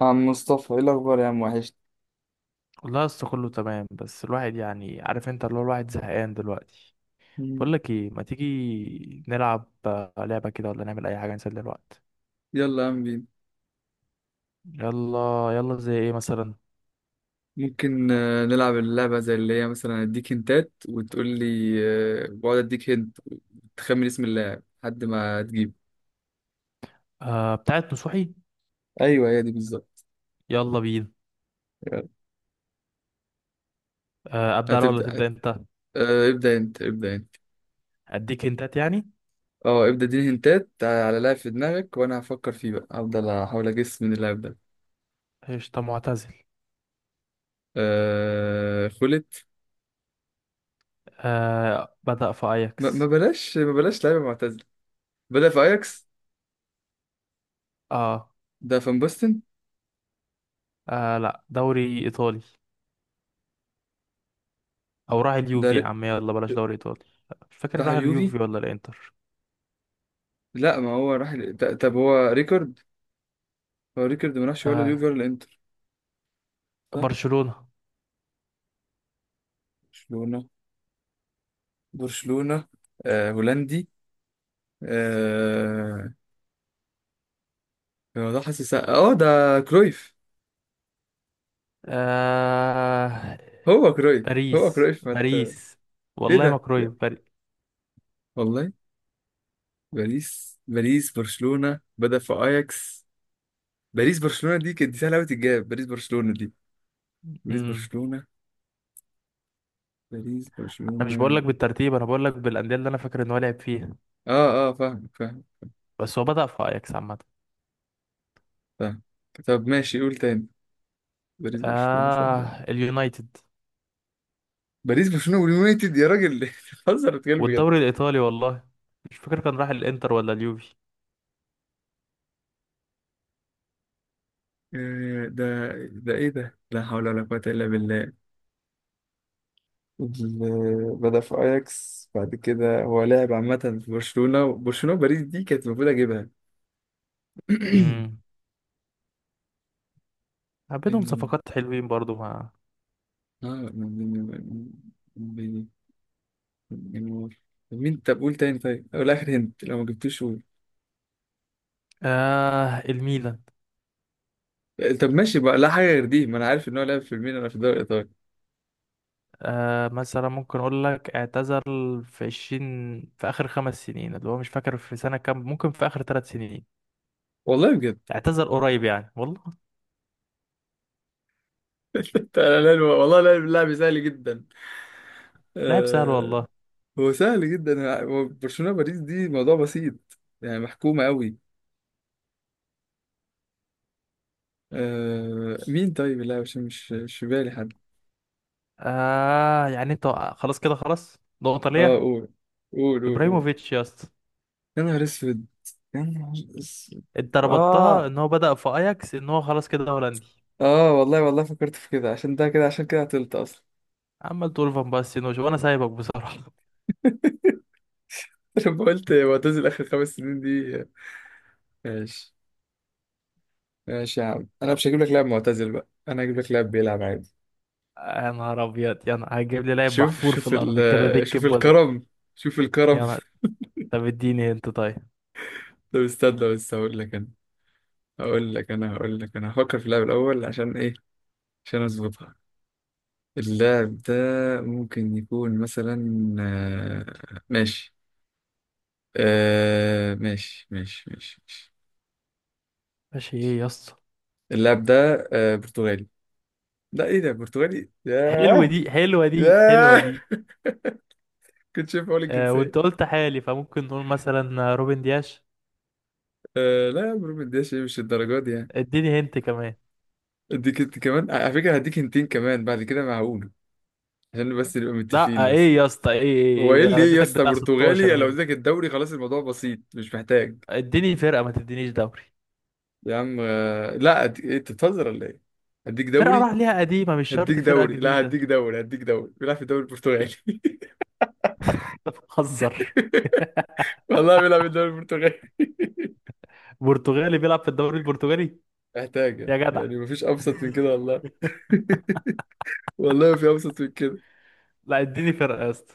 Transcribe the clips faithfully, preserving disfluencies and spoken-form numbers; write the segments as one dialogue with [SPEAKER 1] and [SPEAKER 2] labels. [SPEAKER 1] عم مصطفى ايه الاخبار يا عم وحشت.
[SPEAKER 2] والله لسه كله تمام، بس الواحد يعني، عارف، انت اللي هو الواحد زهقان دلوقتي. بقول
[SPEAKER 1] مم.
[SPEAKER 2] لك ايه، ما تيجي نلعب آه، لعبة كده ولا نعمل اي حاجة نسلي الوقت؟
[SPEAKER 1] يلا يا عم بينا.
[SPEAKER 2] يلا يلا، زي ايه مثلا؟
[SPEAKER 1] ممكن آه، نلعب اللعبة زي اللي هي مثلا اديك هنتات وتقول لي، آه، بقعد اديك هنت تخمن اسم اللاعب لحد ما تجيب.
[SPEAKER 2] آه، بتاعت نصوحي.
[SPEAKER 1] ايوه هي دي بالظبط.
[SPEAKER 2] يلا بينا.
[SPEAKER 1] يلا.
[SPEAKER 2] آه ابدأ انا ولا
[SPEAKER 1] هتبدأ؟
[SPEAKER 2] تبدأ انت؟
[SPEAKER 1] آه، ابدأ انت ابدأ انت.
[SPEAKER 2] اديك انتات يعني.
[SPEAKER 1] اه ابدأ اديني هنتات على لاعب في دماغك وانا هفكر فيه بقى، هفضل احاول اجس من اللاعب ده.
[SPEAKER 2] قشطة، معتزل.
[SPEAKER 1] أه... خلت.
[SPEAKER 2] آه بدأ في
[SPEAKER 1] ما... ما
[SPEAKER 2] اياكس.
[SPEAKER 1] بلاش ما بلاش لعيبة معتزلة. بدأ في اياكس؟
[SPEAKER 2] آه.
[SPEAKER 1] ده فان باستن.
[SPEAKER 2] اه لا، دوري ايطالي. او راح
[SPEAKER 1] ده
[SPEAKER 2] اليوفي يا
[SPEAKER 1] ر...
[SPEAKER 2] عم، يلا بلاش دوري ايطالي. مش فاكر
[SPEAKER 1] راح
[SPEAKER 2] راح
[SPEAKER 1] اليوفي.
[SPEAKER 2] اليوفي ولا الانتر.
[SPEAKER 1] لا، ما هو راح ال- ط- طب هو ريكورد، هو ريكورد ما راحش ولا اليوفي
[SPEAKER 2] آه
[SPEAKER 1] ولا الانتر، صح.
[SPEAKER 2] برشلونة.
[SPEAKER 1] برشلونة. برشلونة. آه هولندي. آه هو ده حاسس، اه ده كرويف.
[SPEAKER 2] آه
[SPEAKER 1] هو كرويف هو
[SPEAKER 2] باريس
[SPEAKER 1] كرويف ما ت-
[SPEAKER 2] باريس.
[SPEAKER 1] ايه
[SPEAKER 2] والله ما
[SPEAKER 1] ده يا-
[SPEAKER 2] كرويف باريس.
[SPEAKER 1] والله. باريس باريس برشلونة بدأ في اياكس. باريس برشلونة دي كانت، دي سهلة قوي تتجاب، باريس برشلونة دي. باريس
[SPEAKER 2] امم
[SPEAKER 1] برشلونة. باريس
[SPEAKER 2] انا مش بقول
[SPEAKER 1] برشلونة.
[SPEAKER 2] لك بالترتيب، انا بقول لك بالانديه اللي انا فاكر ان هو لعب فيها.
[SPEAKER 1] اه اه، فاهم فاهم
[SPEAKER 2] بس هو بدأ في اياكس عامه.
[SPEAKER 1] فاهم. طب ماشي، قول تاني. باريس برشلونة سهلة.
[SPEAKER 2] اه، اليونايتد.
[SPEAKER 1] باريس برشلونة واليونايتد يا راجل، بتهزر بتتكلم بجد؟
[SPEAKER 2] والدوري الايطالي والله. مش فاكر كان راح الانتر ولا اليوفي.
[SPEAKER 1] آه، ده ده ايه ده، لا حول ولا قوة الا بالله. ال- بدأ في اياكس، بعد كده هو لاعب عامة في برشلونة. برشلونة وباريس دي كانت المفروض اجيبها.
[SPEAKER 2] امم بينهم
[SPEAKER 1] بين-
[SPEAKER 2] صفقات حلوين برضو مع.
[SPEAKER 1] اه بين- بين- بين- مين؟ طب قول تاني، طيب او الاخر هنت لو ما جبتوش قول.
[SPEAKER 2] آه الميلان.
[SPEAKER 1] طب ماشي بقى، لا حاجة غير دي، ما انا عارف ان هو لعب في الميلان في الدوري الايطالي.
[SPEAKER 2] آه مثلا ممكن اقول لك، اعتزل في عشرين في اخر خمس سنين، اللي هو مش فاكر في سنة كام، ممكن في اخر ثلاث سنين.
[SPEAKER 1] والله بجد؟
[SPEAKER 2] اعتزل قريب يعني والله.
[SPEAKER 1] أنا لا- والله لا- اللاعب سهل جدا.
[SPEAKER 2] لاعب سهل
[SPEAKER 1] آه،
[SPEAKER 2] والله.
[SPEAKER 1] هو سهل جدا، هو برشلونة باريس دي موضوع بسيط يعني، محكومة قوي. آه مين؟ طيب لا، مش مش مش في بالي حد.
[SPEAKER 2] آه يعني انت، خلاص كده، خلاص، نقطة
[SPEAKER 1] اه،
[SPEAKER 2] ليا.
[SPEAKER 1] قول قول قول قول.
[SPEAKER 2] ابراهيموفيتش يا اسطى.
[SPEAKER 1] يا نهار اسود، يا نهار اسود.
[SPEAKER 2] انت ربطتها
[SPEAKER 1] اه
[SPEAKER 2] ان هو بدأ في اياكس، ان هو خلاص كده هولندي.
[SPEAKER 1] اه، والله والله فكرت في كده، عشان ده كده، عشان كده عطلت اصلا.
[SPEAKER 2] عمال تقول فان باستين وش، وانا سايبك بصراحة.
[SPEAKER 1] لما قلت معتزل اخر خمس سنين دي. ماشي ماشي يا عم، انا
[SPEAKER 2] يلا.
[SPEAKER 1] مش هجيب لك لاعب معتزل بقى، انا هجيب لك لاعب بيلعب عادي.
[SPEAKER 2] يا نهار ابيض، يا نهار، هتجيب لي لاعب
[SPEAKER 1] شوف
[SPEAKER 2] محفور في
[SPEAKER 1] شوف
[SPEAKER 2] الارض كده
[SPEAKER 1] ال
[SPEAKER 2] دك
[SPEAKER 1] شوف
[SPEAKER 2] بودن.
[SPEAKER 1] الكرم، شوف الكرم.
[SPEAKER 2] يا نهار. طب اديني انت طيب.
[SPEAKER 1] طب استنى بس هقول لك انا، هقول لك انا هقول لك انا هفكر في اللاعب الاول عشان ايه؟ عشان اظبطها. اللاعب ده ممكن يكون مثلا، آه، ماشي. آه، ماشي ماشي ماشي ماشي.
[SPEAKER 2] ماشي، ايه يا اسطى؟
[SPEAKER 1] اللاعب ده آه، برتغالي. لا ايه ده، برتغالي؟
[SPEAKER 2] حلوة
[SPEAKER 1] ياه
[SPEAKER 2] دي، حلوة دي، حلوة
[SPEAKER 1] ياه.
[SPEAKER 2] دي.
[SPEAKER 1] كنت شايف اقول
[SPEAKER 2] آه
[SPEAKER 1] الجنسية.
[SPEAKER 2] وانت قلت حالي، فممكن نقول مثلا روبن دياش.
[SPEAKER 1] آه، لا يا برو مدياش، ايه مش الدرجات دي يعني.
[SPEAKER 2] اديني هنت كمان.
[SPEAKER 1] اديك انت كمان على فكرة، هديك انتين كمان بعد كده معقول؟ عشان بس نبقى
[SPEAKER 2] لا
[SPEAKER 1] متفقين بس.
[SPEAKER 2] ايه يا اسطى؟ ايه ايه؟
[SPEAKER 1] هو ايه
[SPEAKER 2] ايه،
[SPEAKER 1] اللي
[SPEAKER 2] انا
[SPEAKER 1] ايه يا
[SPEAKER 2] اديتك
[SPEAKER 1] اسطى،
[SPEAKER 2] بتاع ستاشر
[SPEAKER 1] برتغالي لو
[SPEAKER 2] هنت،
[SPEAKER 1] اديتك الدوري خلاص الموضوع بسيط مش محتاج.
[SPEAKER 2] اديني فرقة، ما تدينيش دوري.
[SPEAKER 1] يا عم آه، لا، أد- إيه، انت بتهزر ولا ايه؟ هديك
[SPEAKER 2] فرقة
[SPEAKER 1] دوري،
[SPEAKER 2] راح ليها قديمة، مش
[SPEAKER 1] هديك
[SPEAKER 2] شرط فرقة
[SPEAKER 1] دوري، لا
[SPEAKER 2] جديدة.
[SPEAKER 1] هديك دوري، هديك دوري بيلعب في الدوري البرتغالي.
[SPEAKER 2] انت بتهزر.
[SPEAKER 1] والله بيلعب في الدوري البرتغالي.
[SPEAKER 2] برتغالي بيلعب في الدوري البرتغالي؟
[SPEAKER 1] محتاجة
[SPEAKER 2] يا جدع.
[SPEAKER 1] يعني، مفيش أبسط من كده والله. والله ما في أبسط من كده.
[SPEAKER 2] لا، اديني فرقة يا اسطى.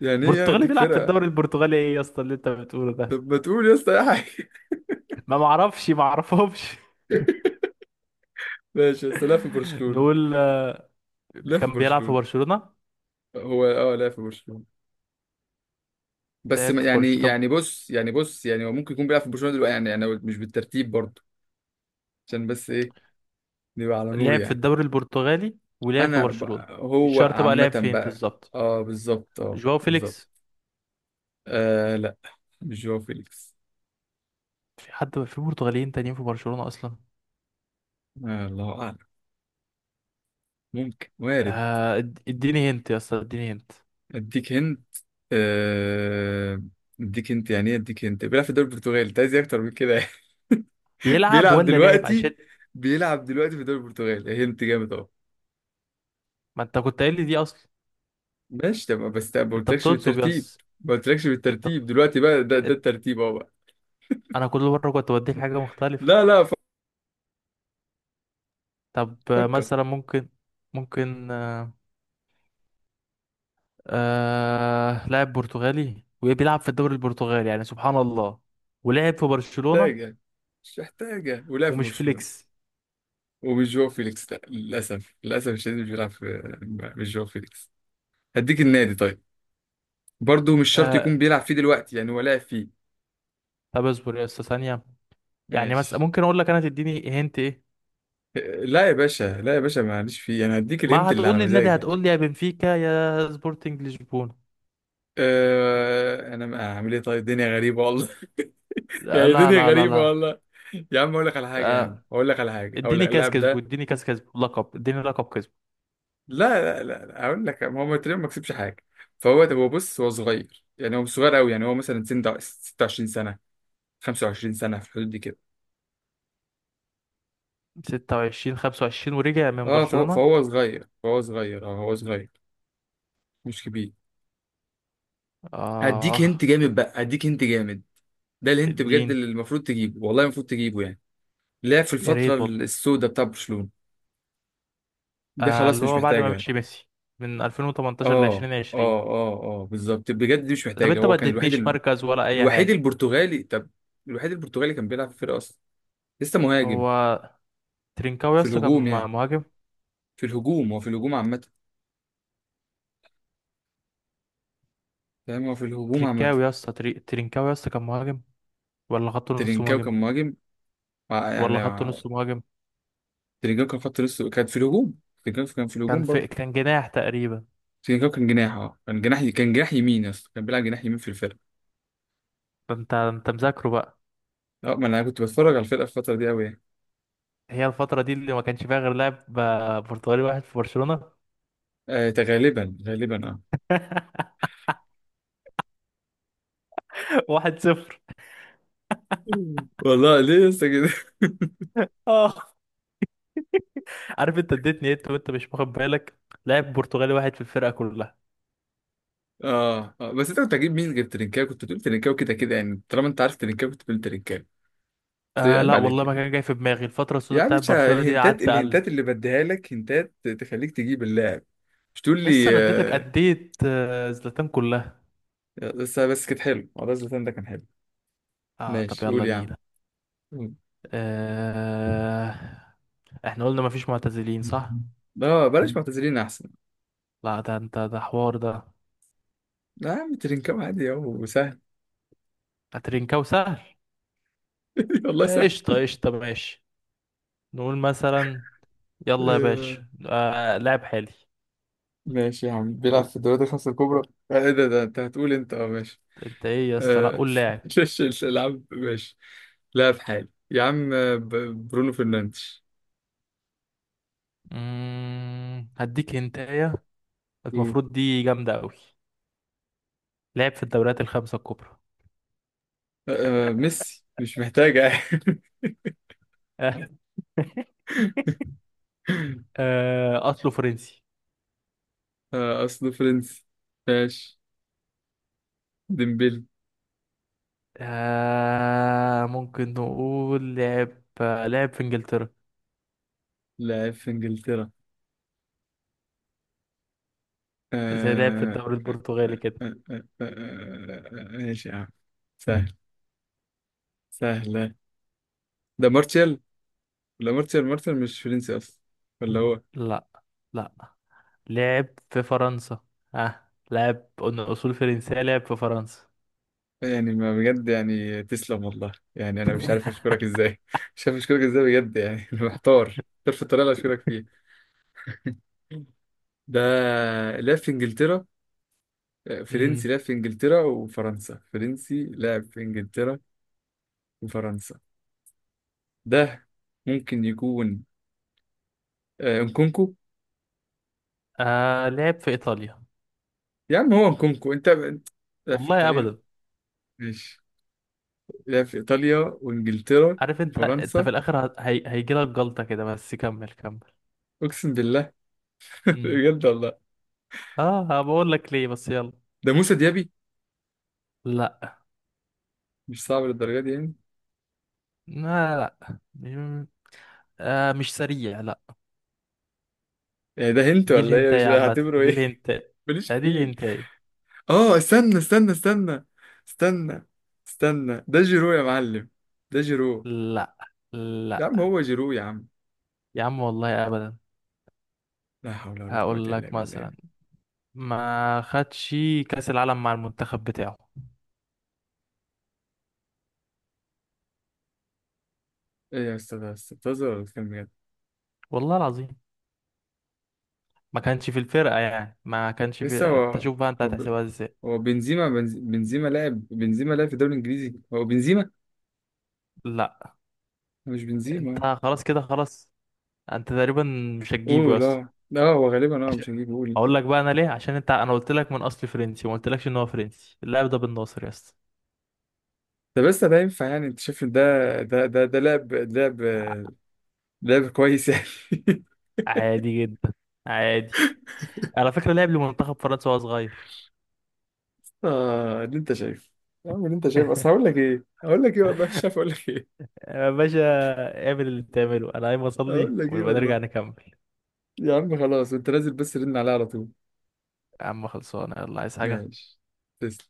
[SPEAKER 1] يعني إيه يعني
[SPEAKER 2] برتغالي
[SPEAKER 1] أديك
[SPEAKER 2] بيلعب في
[SPEAKER 1] فرقة؟
[SPEAKER 2] الدوري البرتغالي، ايه يا اسطى اللي انت بتقوله ده؟
[SPEAKER 1] طب ما تقول يا اسطى أي حاجة.
[SPEAKER 2] ما معرفش، ما اعرفهمش.
[SPEAKER 1] ماشي بس، لا في برشلونة.
[SPEAKER 2] نقول آه،
[SPEAKER 1] لا في
[SPEAKER 2] كان بيلعب في
[SPEAKER 1] برشلونة.
[SPEAKER 2] برشلونة.
[SPEAKER 1] هو أه، لا في برشلونة. بس ما-
[SPEAKER 2] لعب في
[SPEAKER 1] يعني
[SPEAKER 2] برشلونة، طب.
[SPEAKER 1] يعني بص، يعني بص، يعني هو ممكن يكون بيلعب في برشلونة دلوقتي يعني، يعني مش بالترتيب برضه. عشان بس إيه، نبقى على نور
[SPEAKER 2] لعب في
[SPEAKER 1] يعني.
[SPEAKER 2] الدوري البرتغالي ولعب في
[SPEAKER 1] انا ب...
[SPEAKER 2] برشلونة. مش
[SPEAKER 1] هو
[SPEAKER 2] شرط بقى
[SPEAKER 1] عامة
[SPEAKER 2] لعب فين
[SPEAKER 1] بقى،
[SPEAKER 2] بالظبط.
[SPEAKER 1] اه بالظبط، اه
[SPEAKER 2] جواو
[SPEAKER 1] بالظبط.
[SPEAKER 2] فيليكس.
[SPEAKER 1] آه لا مش جواو فيليكس.
[SPEAKER 2] في حد في برتغاليين تانيين في برشلونة اصلا؟
[SPEAKER 1] آه الله اعلم، ممكن وارد.
[SPEAKER 2] آه، اد- اديني هنت يا اسطى، اديني هنت.
[SPEAKER 1] اديك هنت آه اديك هنت يعني ايه اديك هنت، بيلعب في الدوري البرتغالي، انت عايز إيه اكتر من كده يعني؟
[SPEAKER 2] بيلعب
[SPEAKER 1] بيلعب
[SPEAKER 2] ولا لعب؟ عشان
[SPEAKER 1] دلوقتي، بيلعب دلوقتي في الدوري البرتغالي، هنت جامد اهو.
[SPEAKER 2] ما انت كنت قايل لي دي اصلا.
[SPEAKER 1] ماشي تمام بس ما
[SPEAKER 2] انت
[SPEAKER 1] قلتلكش
[SPEAKER 2] بتنصب
[SPEAKER 1] بالترتيب،
[SPEAKER 2] يس.
[SPEAKER 1] ما قلتلكش
[SPEAKER 2] انت
[SPEAKER 1] بالترتيب دلوقتي بقى، ده ده
[SPEAKER 2] انت-
[SPEAKER 1] الترتيب اهو بقى.
[SPEAKER 2] انا كل مره كنت بديك حاجه مختلفه.
[SPEAKER 1] لا لا،
[SPEAKER 2] طب آه،
[SPEAKER 1] فكر.
[SPEAKER 2] مثلا ممكن، ممكن آه... آه... لاعب برتغالي وبيلعب في الدوري البرتغالي، يعني سبحان الله. ولعب في برشلونه.
[SPEAKER 1] محتاجة، مش محتاجة، ولعب في
[SPEAKER 2] ومش
[SPEAKER 1] برشلونة
[SPEAKER 2] فليكس.
[SPEAKER 1] ومش جو فيليكس. لا للاسف، للاسف الشديد مش بيلعب في، مش جو فيليكس. هديك النادي طيب؟ برضه مش شرط
[SPEAKER 2] آه...
[SPEAKER 1] يكون بيلعب فيه دلوقتي يعني، هو لاعب فيه.
[SPEAKER 2] طب اصبر يا استاذ ثانيه. يعني مثلا
[SPEAKER 1] ماشي.
[SPEAKER 2] ممكن اقول لك انا، تديني هنت ايه؟
[SPEAKER 1] لا يا باشا، لا يا باشا، معلش فيه، انا هديك
[SPEAKER 2] ما
[SPEAKER 1] الهنت اللي
[SPEAKER 2] هتقول
[SPEAKER 1] على
[SPEAKER 2] لي النادي،
[SPEAKER 1] مزاجي.
[SPEAKER 2] هتقول لي يا بنفيكا يا سبورتنج لشبونه.
[SPEAKER 1] أه انا ما اعمل ايه، طيب الدنيا غريبه والله.
[SPEAKER 2] لا
[SPEAKER 1] يعني
[SPEAKER 2] لا
[SPEAKER 1] دنيا
[SPEAKER 2] لا لا،
[SPEAKER 1] غريبه
[SPEAKER 2] لا.
[SPEAKER 1] والله. يا عم اقول لك على حاجه، يا عم
[SPEAKER 2] آه،
[SPEAKER 1] اقول لك على حاجه، اقول
[SPEAKER 2] اديني
[SPEAKER 1] لك
[SPEAKER 2] كاس
[SPEAKER 1] اللاعب
[SPEAKER 2] كسبه،
[SPEAKER 1] ده.
[SPEAKER 2] اديني كاس كسبه، لقب، اديني لقب كسبه.
[SPEAKER 1] لا لا لا لا، اقول لك، ما هو تقريبا ما كسبش حاجه. فهو، طب هو بص، هو صغير يعني، هو مش صغير قوي يعني، هو مثلا سن ستة وعشرين سنه، خمسة وعشرين سنه، في الحدود دي كده.
[SPEAKER 2] ستة وعشرين، خمسة وعشرين، ورجع من
[SPEAKER 1] اه فهو,
[SPEAKER 2] برشلونة؟
[SPEAKER 1] فهو صغير، فهو صغير، اه هو صغير، مش كبير. هديك هنت
[SPEAKER 2] اه
[SPEAKER 1] جامد بقى، هديك هنت جامد، ده الهنت بجد
[SPEAKER 2] اديني.
[SPEAKER 1] اللي المفروض تجيبه، والله المفروض تجيبه يعني. لعب في
[SPEAKER 2] يا
[SPEAKER 1] الفترة
[SPEAKER 2] ريت والله.
[SPEAKER 1] السوداء بتاع برشلونة، ده
[SPEAKER 2] آه
[SPEAKER 1] خلاص
[SPEAKER 2] اللي
[SPEAKER 1] مش
[SPEAKER 2] هو بعد ما
[SPEAKER 1] محتاجها.
[SPEAKER 2] مشي ميسي، من ألفين وتمنتاشر ل
[SPEAKER 1] اه
[SPEAKER 2] ألفين وعشرين.
[SPEAKER 1] اه اه اه بالظبط بجد، دي مش
[SPEAKER 2] طب
[SPEAKER 1] محتاجة،
[SPEAKER 2] انت
[SPEAKER 1] هو
[SPEAKER 2] ما
[SPEAKER 1] كان الوحيد
[SPEAKER 2] اديتنيش
[SPEAKER 1] ال...
[SPEAKER 2] مركز ولا اي
[SPEAKER 1] الوحيد
[SPEAKER 2] حاجة.
[SPEAKER 1] البرتغالي. طب الوحيد البرتغالي كان بيلعب في الفرقة اصلا، لسه مهاجم،
[SPEAKER 2] هو ترينكاوي يا
[SPEAKER 1] في
[SPEAKER 2] اسطى، كان
[SPEAKER 1] الهجوم يعني،
[SPEAKER 2] مهاجم؟
[SPEAKER 1] في الهجوم، هو في الهجوم عامة. فاهم، هو في الهجوم عامة.
[SPEAKER 2] ترينكاوي يا اسطى، تري... ترينكاوي يا اسطى، كان مهاجم ولا خط نص
[SPEAKER 1] ترينكاو
[SPEAKER 2] مهاجم؟
[SPEAKER 1] كان مهاجم، مع- يعني.
[SPEAKER 2] ولا خط نص مهاجم؟
[SPEAKER 1] تريجاكا خط، لسه كان في الهجوم، تريجاكا كان في
[SPEAKER 2] كان
[SPEAKER 1] الهجوم
[SPEAKER 2] في
[SPEAKER 1] برضه.
[SPEAKER 2] كان جناح تقريبا.
[SPEAKER 1] تريجاكا كان جناح، اه كان جناح، كان جناح يمين يا اسطى، كان بيلعب جناح يمين في الفرقه.
[SPEAKER 2] ده انت انت مذاكره بقى.
[SPEAKER 1] اه ما انا كنت بتفرج على الفرقه في الفتره دي قوي يعني.
[SPEAKER 2] هي الفترة دي اللي ما كانش فيها غير لاعب آه، برتغالي واحد في برشلونة.
[SPEAKER 1] آه ده غالبا غالبا اه.
[SPEAKER 2] واحد صفر.
[SPEAKER 1] والله ليه يا اسطى كده؟
[SPEAKER 2] اه، عارف انت اديتني انت وانت مش واخد بالك؟ لاعب برتغالي واحد في الفرقه كلها.
[SPEAKER 1] اه اه، بس انت كنت هتجيب مين غير ترينكاوي؟ كنت بتقول ترينكاوي كده كده يعني، طالما انت عارف ترينكاوي كنت بتقول ترينكاوي. بس
[SPEAKER 2] آه
[SPEAKER 1] عيب
[SPEAKER 2] لا
[SPEAKER 1] عليك
[SPEAKER 2] والله، ما
[SPEAKER 1] يعني،
[SPEAKER 2] كان جاي في دماغي الفتره
[SPEAKER 1] يا
[SPEAKER 2] السوداء
[SPEAKER 1] عم
[SPEAKER 2] بتاعت
[SPEAKER 1] باشا،
[SPEAKER 2] برشلونه دي،
[SPEAKER 1] الهنتات،
[SPEAKER 2] قعدت اقلب.
[SPEAKER 1] الهنتات اللي بديها لك هنتات تخليك تجيب اللاعب، مش تقول
[SPEAKER 2] يس، انا
[SPEAKER 1] لي
[SPEAKER 2] اديتك،
[SPEAKER 1] آه.
[SPEAKER 2] اديت آه، زلاتان كلها.
[SPEAKER 1] بس بس كانت حلو والله، زلاتان ده كان حلو.
[SPEAKER 2] اه طب
[SPEAKER 1] ماشي،
[SPEAKER 2] يلا
[SPEAKER 1] قول يا عم.
[SPEAKER 2] بينا. آه احنا قلنا مفيش معتزلين صح؟
[SPEAKER 1] اه بلاش معتذرين احسن.
[SPEAKER 2] لا، ده انت ده حوار ده.
[SPEAKER 1] لا يا عم، ترينكاو عادي اهو، سهل.
[SPEAKER 2] هترينكاو سهل.
[SPEAKER 1] والله
[SPEAKER 2] آه،
[SPEAKER 1] سهل.
[SPEAKER 2] قشطه قشطه، ماشي. نقول مثلا. يلا يا
[SPEAKER 1] آه،
[SPEAKER 2] باشا، آه لاعب حالي.
[SPEAKER 1] ماشي يا عم، بيلعب في الدوريات الخمسة الكبرى. آه، ايه ده، ده انت هتقول انت؟ اه ماشي.
[SPEAKER 2] انت ايه يا اسطى؟ لا،
[SPEAKER 1] آه،
[SPEAKER 2] قول لاعب.
[SPEAKER 1] شاش الالعاب ماشي. لا في حالي يا عم، آه، ب- برونو فرنانديز.
[SPEAKER 2] مم... هديك هنتاية،
[SPEAKER 1] قول.
[SPEAKER 2] المفروض دي جامدة أوي. لعب في الدوريات الخمسة الكبرى.
[SPEAKER 1] آه، آه، ميسي مش محتاجة.
[SPEAKER 2] آه، أصله فرنسي.
[SPEAKER 1] آه، اصله فرنسي. ماشي، ديمبلي.
[SPEAKER 2] آه، ممكن نقول لعب آه، لعب في إنجلترا،
[SPEAKER 1] لاعب في انجلترا.
[SPEAKER 2] زي لعب في
[SPEAKER 1] آه،
[SPEAKER 2] الدوري
[SPEAKER 1] آه،
[SPEAKER 2] البرتغالي
[SPEAKER 1] آه،
[SPEAKER 2] كده.
[SPEAKER 1] آه، آه، آه، آه، ماشي يا عم، سهل، سهلة. ده مارتيال، ولا مارتيال، مارتيال مش فرنسي أصلا ولا هو؟
[SPEAKER 2] لا لا، لعب في فرنسا. آه. لعب، قلنا أصول فرنسية، لعب في فرنسا.
[SPEAKER 1] يعني ما بجد يعني، تسلم والله يعني، أنا مش عارف أشكرك إزاي. مش عارف أشكرك إزاي بجد يعني. أنا محتار، محتار في الطريقة اللي أشكرك فيها. ده لعب في إنجلترا،
[SPEAKER 2] مم.
[SPEAKER 1] فرنسي لعب في إنجلترا وفرنسا، فرنسي لعب في إنجلترا وفرنسا. ده ممكن يكون آه، انكونكو.
[SPEAKER 2] آه لعب في إيطاليا.
[SPEAKER 1] يا عم هو انكونكو، أنت أنت- لعب في
[SPEAKER 2] والله
[SPEAKER 1] إيطاليا؟
[SPEAKER 2] أبدا.
[SPEAKER 1] ماشي، لعب في إيطاليا وإنجلترا
[SPEAKER 2] عارف أنت، أنت في
[SPEAKER 1] وفرنسا.
[SPEAKER 2] الآخر هي... هيجيلك جلطة كده، بس كمل كمل.
[SPEAKER 1] أقسم بالله، بجد والله.
[SPEAKER 2] اه، بقول لك ليه، بس يلا.
[SPEAKER 1] ده موسى ديابي،
[SPEAKER 2] لا
[SPEAKER 1] مش صعب للدرجه دي يعني.
[SPEAKER 2] لا لا، مم، آه مش سريع، لا.
[SPEAKER 1] يعني ده هنت
[SPEAKER 2] دي
[SPEAKER 1] ولا ايه؟ مش
[SPEAKER 2] الهنتاية عامة،
[SPEAKER 1] هعتبره
[SPEAKER 2] دي
[SPEAKER 1] ايه.
[SPEAKER 2] الهنتاية.
[SPEAKER 1] ماليش
[SPEAKER 2] آه، دي
[SPEAKER 1] فيه.
[SPEAKER 2] الهنتاية.
[SPEAKER 1] اه استنى استنى استنى استنى استنى، ده جيرو يا معلم، ده جيرو،
[SPEAKER 2] لا،
[SPEAKER 1] يا عم
[SPEAKER 2] لا
[SPEAKER 1] هو جيرو يا عم،
[SPEAKER 2] يا عم والله ابدا.
[SPEAKER 1] لا حول ولا قوة
[SPEAKER 2] هقول
[SPEAKER 1] إلا
[SPEAKER 2] لك
[SPEAKER 1] بالله.
[SPEAKER 2] مثلا، ما خدش كأس العالم مع المنتخب بتاعه.
[SPEAKER 1] ايه يا استاذ، ده أستاذ بتهزر ولا بتتكلم بجد؟
[SPEAKER 2] والله العظيم، ما كانش في الفرقة يعني، ما كانش في
[SPEAKER 1] لسه
[SPEAKER 2] انت
[SPEAKER 1] هو،
[SPEAKER 2] شوف بقى، انت
[SPEAKER 1] هو ب-
[SPEAKER 2] هتحسبها ازاي.
[SPEAKER 1] هو بنزيما، بنز- بنزيما، لاعب بنزيما، لاعب في الدوري الانجليزي هو بنزيما؟
[SPEAKER 2] لا،
[SPEAKER 1] مش
[SPEAKER 2] انت
[SPEAKER 1] بنزيما.
[SPEAKER 2] خلاص كده، خلاص، انت تقريبا مش هتجيبه
[SPEAKER 1] اوه
[SPEAKER 2] يا اسطى.
[SPEAKER 1] لا لا، هو غالبا اه
[SPEAKER 2] عشان،
[SPEAKER 1] مش هجيب قول.
[SPEAKER 2] اقول لك بقى انا ليه، عشان انت، انا قلت لك من اصل فرنسي، وما قلتلكش ان هو فرنسي. اللاعب ده بن ناصر يا اسطى.
[SPEAKER 1] ده بس ده ينفع يعني، انت شايف إن ده ده ده ده لعب، لعب لعب كويس يعني؟
[SPEAKER 2] عادي جدا، عادي. على فكره لعب لمنتخب فرنسا وهو صغير.
[SPEAKER 1] اه اللي انت شايف، يا عم اللي انت شايف اصل، هقول لك ايه هقول لك ايه والله مش عارف اقول لك ايه،
[SPEAKER 2] يا باشا، اعمل اللي تعمله، انا قايم اصلي
[SPEAKER 1] هقول لك ايه
[SPEAKER 2] ونبقى نرجع
[SPEAKER 1] والله.
[SPEAKER 2] نكمل.
[SPEAKER 1] يا عم خلاص انت نازل، بس رن عليها على طول.
[SPEAKER 2] يا عم خلصانه، يلا، عايز حاجه؟
[SPEAKER 1] ماشي، تسلم.